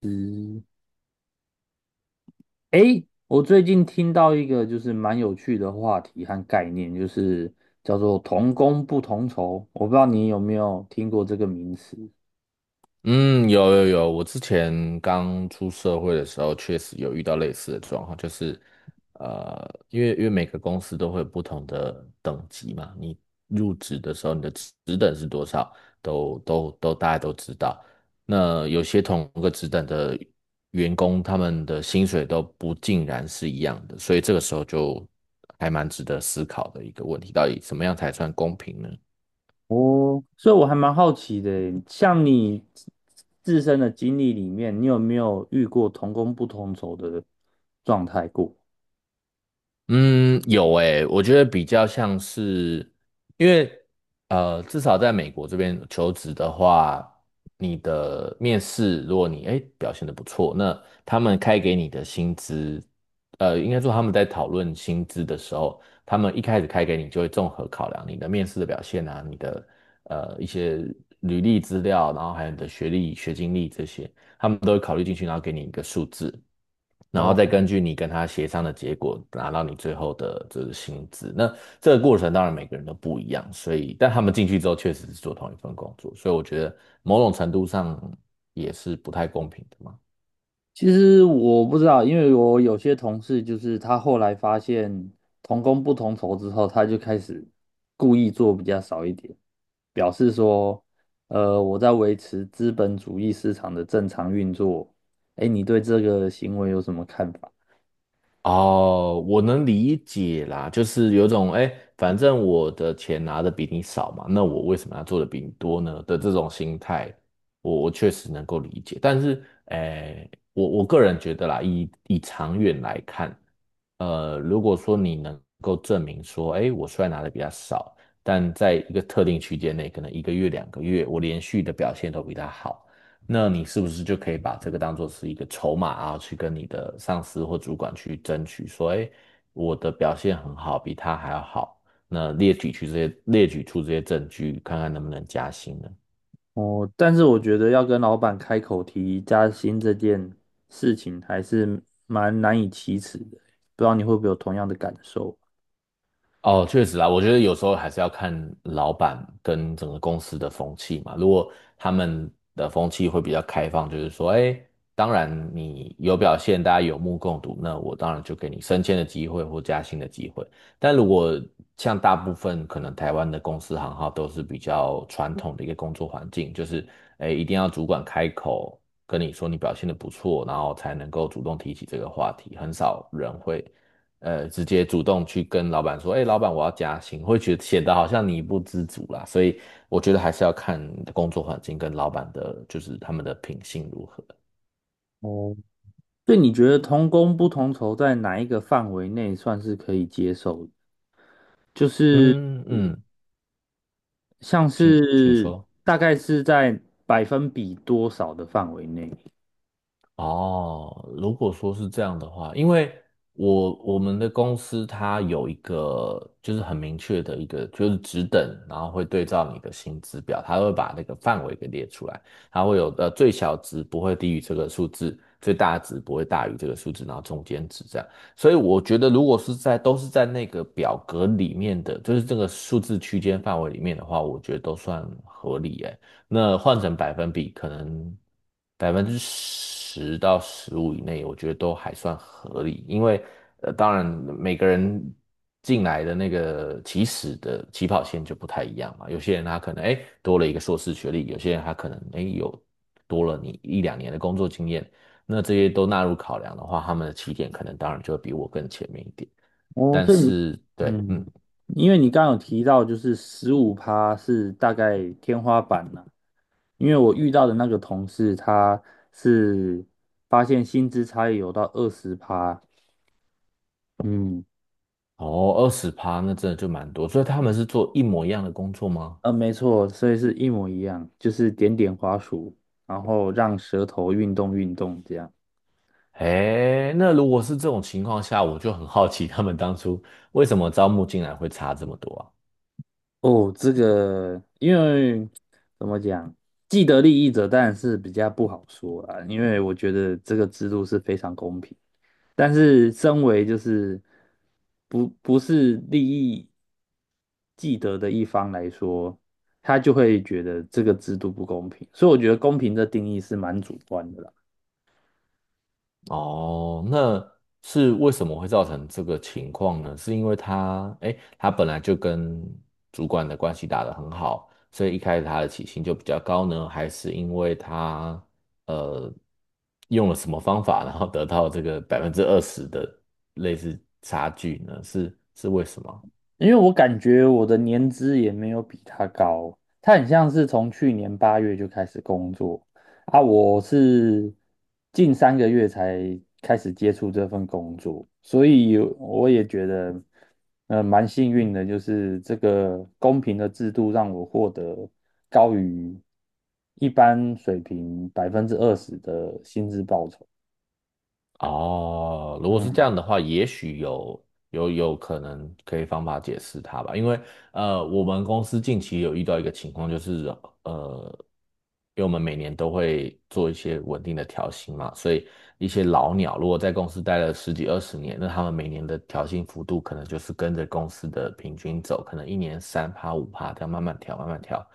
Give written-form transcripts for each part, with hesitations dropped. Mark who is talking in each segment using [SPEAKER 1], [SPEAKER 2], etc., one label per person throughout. [SPEAKER 1] 嗯，诶，我最近听到一个就是蛮有趣的话题和概念，就是叫做“同工不同酬”。我不知道你有没有听过这个名词？
[SPEAKER 2] 嗯，有有有，我之前刚出社会的时候，确实有遇到类似的状况，就是，因为每个公司都会有不同的等级嘛，你入职的时候你的职等是多少，都都都大家都知道。那有些同个职等的员工，他们的薪水都不尽然是一样的，所以这个时候就还蛮值得思考的一个问题，到底怎么样才算公平呢？
[SPEAKER 1] 哦，所以我还蛮好奇的耶，像你自身的经历里面，你有没有遇过同工不同酬的状态过？
[SPEAKER 2] 嗯，有诶，我觉得比较像是，因为至少在美国这边求职的话，你的面试，如果你诶表现的不错，那他们开给你的薪资，应该说他们在讨论薪资的时候，他们一开始开给你就会综合考量你的面试的表现啊，你的一些履历资料，然后还有你的学历、学经历这些。他们都会考虑进去，然后给你一个数字，然后
[SPEAKER 1] 哦，
[SPEAKER 2] 再根据你跟他协商的结果，拿到你最后的这个薪资。那这个过程当然每个人都不一样，所以但他们进去之后确实是做同一份工作，所以我觉得某种程度上也是不太公平的嘛。
[SPEAKER 1] 其实我不知道，因为我有些同事就是他后来发现同工不同酬之后，他就开始故意做比较少一点。表示说，我在维持资本主义市场的正常运作。哎，你对这个行为有什么看法？
[SPEAKER 2] 哦，我能理解啦，就是有种哎，反正我的钱拿的比你少嘛，那我为什么要做的比你多呢的这种心态，我确实能够理解。但是，哎，我个人觉得啦，以长远来看，如果说你能够证明说，哎，我虽然拿的比较少，但在一个特定区间内，可能1个月、2个月，我连续的表现都比他好，那你是不是就可以把这个当做是一个筹码啊，去跟你的上司或主管去争取，说，哎，我的表现很好，比他还要好，那列举出这些证据，看看能不能加薪呢？
[SPEAKER 1] 哦，但是我觉得要跟老板开口提加薪这件事情，还是蛮难以启齿的。不知道你会不会有同样的感受？
[SPEAKER 2] 哦，确实啊，我觉得有时候还是要看老板跟整个公司的风气嘛。如果他们的风气会比较开放，就是说，哎，当然你有表现，大家有目共睹，那我当然就给你升迁的机会或加薪的机会。但如果像大部分可能台湾的公司行号都是比较传统的一个工作环境，就是哎，一定要主管开口跟你说你表现的不错，然后才能够主动提起这个话题，很少人会。直接主动去跟老板说，哎，老板我要加薪，会觉得显得好像你不知足啦。所以我觉得还是要看你的工作环境跟老板的，就是他们的品性如何。
[SPEAKER 1] 哦，对，你觉得同工不同酬在哪一个范围内算是可以接受的？就是，
[SPEAKER 2] 嗯嗯，
[SPEAKER 1] 像
[SPEAKER 2] 请
[SPEAKER 1] 是，
[SPEAKER 2] 说。
[SPEAKER 1] 大概是在百分比多少的范围内？
[SPEAKER 2] 哦，如果说是这样的话，因为我们的公司它有一个就是很明确的一个就是职等，然后会对照你的薪资表，它会把那个范围给列出来，它会有的最小值不会低于这个数字，最大值不会大于这个数字，然后中间值这样。所以我觉得如果是在都是在那个表格里面的，就是这个数字区间范围里面的话，我觉得都算合理诶。那换成百分比，可能10%到15%以内，我觉得都还算合理。因为当然每个人进来的那个起始的起跑线就不太一样嘛。有些人他可能哎多了一个硕士学历，有些人他可能哎有多了你1到2年的工作经验。那这些都纳入考量的话，他们的起点可能当然就会比我更前面一点。
[SPEAKER 1] 哦，
[SPEAKER 2] 但
[SPEAKER 1] 所以你
[SPEAKER 2] 是 对，
[SPEAKER 1] 嗯，
[SPEAKER 2] 嗯，
[SPEAKER 1] 因为你刚刚有提到，就是15%是大概天花板了。因为我遇到的那个同事，他是发现薪资差异有到20%。嗯，
[SPEAKER 2] 哦，20%那真的就蛮多，所以他们是做一模一样的工作吗？
[SPEAKER 1] 没错，所以是一模一样，就是点点滑鼠，然后让舌头运动运动这样。
[SPEAKER 2] 哎，那如果是这种情况下，我就很好奇他们当初为什么招募进来会差这么多啊？
[SPEAKER 1] 哦，这个因为怎么讲，既得利益者当然是比较不好说啦，因为我觉得这个制度是非常公平。但是身为就是不是利益既得的一方来说，他就会觉得这个制度不公平，所以我觉得公平的定义是蛮主观的啦。
[SPEAKER 2] 哦，那是为什么会造成这个情况呢？是因为他，哎，他本来就跟主管的关系打得很好，所以一开始他的起薪就比较高呢，还是因为他呃用了什么方法，然后得到这个20%的类似差距呢？是为什么？
[SPEAKER 1] 因为我感觉我的年资也没有比他高，他很像是从去年8月就开始工作啊，我是近3个月才开始接触这份工作，所以我也觉得，蛮幸运的，就是这个公平的制度让我获得高于一般水平20%的薪资报酬。
[SPEAKER 2] 哦，如果是这
[SPEAKER 1] 嗯，
[SPEAKER 2] 样的话，也许有可能可以方法解释它吧，因为我们公司近期有遇到一个情况，就是呃，因为我们每年都会做一些稳定的调薪嘛，所以一些老鸟如果在公司待了十几二十年，那他们每年的调薪幅度可能就是跟着公司的平均走，可能一年3%、5%这样慢慢调慢慢调，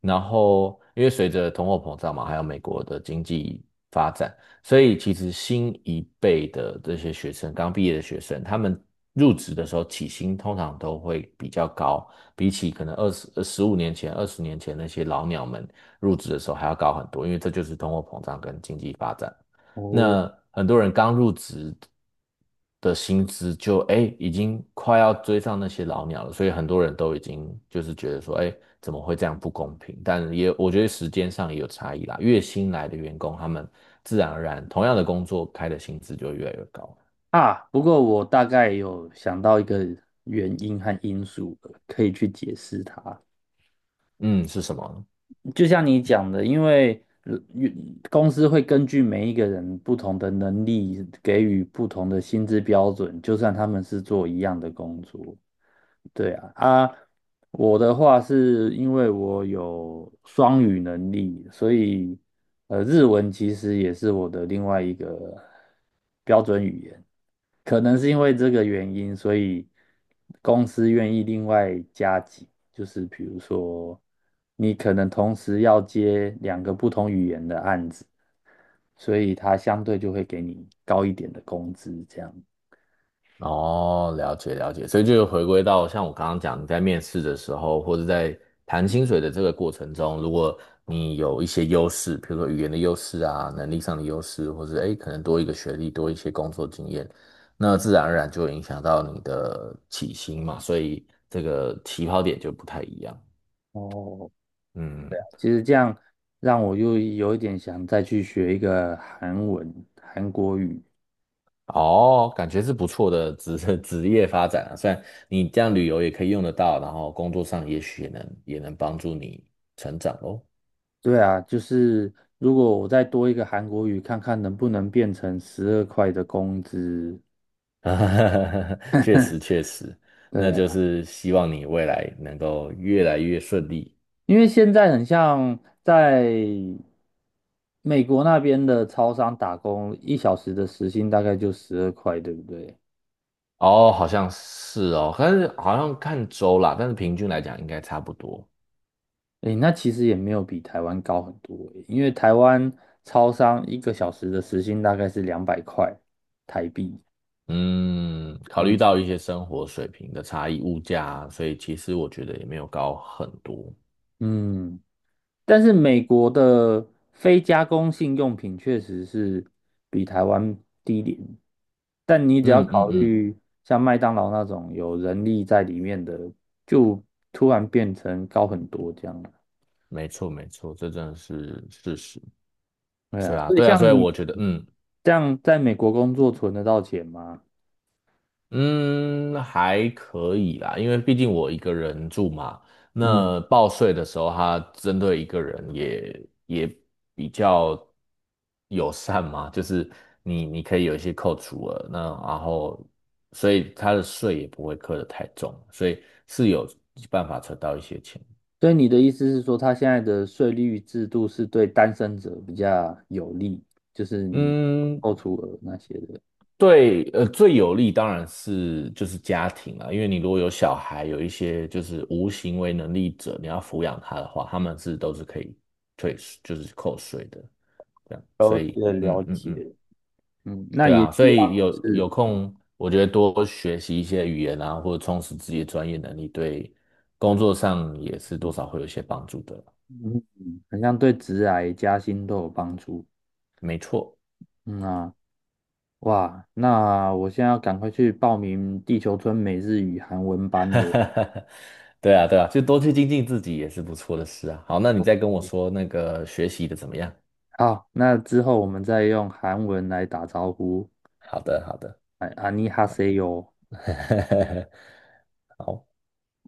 [SPEAKER 2] 然后因为随着通货膨胀嘛，还有美国的经济发展。所以其实新一辈的这些学生，刚毕业的学生，他们入职的时候起薪通常都会比较高，比起可能二十、15年前、20年前那些老鸟们入职的时候还要高很多，因为这就是通货膨胀跟经济发展。
[SPEAKER 1] 我。
[SPEAKER 2] 那很多人刚入职的薪资就哎已经快要追上那些老鸟了，所以很多人都已经就是觉得说哎怎么会这样不公平？但也我觉得时间上也有差异啦，越新来的员工他们自然而然同样的工作开的薪资就越来越高。
[SPEAKER 1] 啊，不过我大概有想到一个原因和因素了，可以去解释它。
[SPEAKER 2] 嗯，是什么呢？
[SPEAKER 1] 就像你讲的，因为公司会根据每一个人不同的能力，给予不同的薪资标准，就算他们是做一样的工作。对啊，啊，我的话是因为我有双语能力，所以日文其实也是我的另外一个标准语言。可能是因为这个原因，所以公司愿意另外加急。就是比如说你可能同时要接两个不同语言的案子，所以它相对就会给你高一点的工资，这样。
[SPEAKER 2] 哦，了解了解，所以就回归到像我刚刚讲，你在面试的时候，或者在谈薪水的这个过程中，如果你有一些优势，比如说语言的优势啊，能力上的优势，或者诶可能多一个学历，多一些工作经验，那自然而然就会影响到你的起薪嘛，所以这个起跑点就不太一样。
[SPEAKER 1] 哦，
[SPEAKER 2] 嗯，
[SPEAKER 1] 其实这样让我又有一点想再去学一个韩文、韩国语。
[SPEAKER 2] 哦，感觉是不错的职 职业发展啊，虽然你这样旅游也可以用得到，然后工作上也许也能帮助你成长哦。
[SPEAKER 1] 对啊，就是如果我再多一个韩国语，看看能不能变成十二块的工资。
[SPEAKER 2] 啊，确实确实，那
[SPEAKER 1] 对
[SPEAKER 2] 就
[SPEAKER 1] 啊，
[SPEAKER 2] 是希望你未来能够越来越顺利。
[SPEAKER 1] 因为现在很像在美国那边的超商打工，一小时的时薪大概就十二块，对不对？
[SPEAKER 2] 哦，好像是哦，但是好像看州啦，但是平均来讲应该差不多。
[SPEAKER 1] 诶，那其实也没有比台湾高很多诶，因为台湾超商一个小时的时薪大概是200块台币。
[SPEAKER 2] 嗯，考虑
[SPEAKER 1] 嗯。
[SPEAKER 2] 到一些生活水平的差异、物价啊所以其实我觉得也没有高很多。
[SPEAKER 1] 嗯，但是美国的非加工性用品确实是比台湾低廉，但你只要
[SPEAKER 2] 嗯嗯
[SPEAKER 1] 考
[SPEAKER 2] 嗯，
[SPEAKER 1] 虑像麦当劳那种有人力在里面的，就突然变成高很多这样了。
[SPEAKER 2] 没错没错，这真的是事实。
[SPEAKER 1] 对啊，
[SPEAKER 2] 对啊
[SPEAKER 1] 所以
[SPEAKER 2] 对啊，所
[SPEAKER 1] 像
[SPEAKER 2] 以
[SPEAKER 1] 你
[SPEAKER 2] 我觉得嗯。
[SPEAKER 1] 这样在美国工作存得到钱吗？
[SPEAKER 2] 嗯，还可以啦，因为毕竟我一个人住嘛，
[SPEAKER 1] 嗯，
[SPEAKER 2] 那报税的时候，它针对一个人也比较友善嘛，就是你可以有一些扣除额，那然后所以它的税也不会课得太重，所以是有办法存到一些钱。
[SPEAKER 1] 所以你的意思是说，他现在的税率制度是对单身者比较有利，就是你
[SPEAKER 2] 嗯，
[SPEAKER 1] 扣除额那些的。
[SPEAKER 2] 对，最有利当然是就是家庭啦，因为你如果有小孩，有一些就是无行为能力者，你要抚养他的话，他们是都是可以退税，就是扣税的，这样，所
[SPEAKER 1] 了
[SPEAKER 2] 以，
[SPEAKER 1] 解
[SPEAKER 2] 嗯
[SPEAKER 1] 了
[SPEAKER 2] 嗯嗯，
[SPEAKER 1] 解。嗯，那
[SPEAKER 2] 对
[SPEAKER 1] 也
[SPEAKER 2] 啊，所
[SPEAKER 1] 希
[SPEAKER 2] 以
[SPEAKER 1] 望
[SPEAKER 2] 有
[SPEAKER 1] 是，
[SPEAKER 2] 有空，我觉得多学习一些语言啊，或者充实自己的专业能力，对工作上也是多少会有一些帮助的，
[SPEAKER 1] 嗯。嗯，好像对职涯加薪都有帮助。
[SPEAKER 2] 没错，
[SPEAKER 1] 嗯啊，哇，那我现在要赶快去报名地球村美日语韩文班 了。
[SPEAKER 2] 对啊对啊，就多去精进自己也是不错的事啊。好，那你再跟我说那个学习的怎么样？
[SPEAKER 1] 好，那之后我们再用韩文来打招呼。
[SPEAKER 2] 好的，好的，
[SPEAKER 1] 哎，안녕하세 요。
[SPEAKER 2] 好，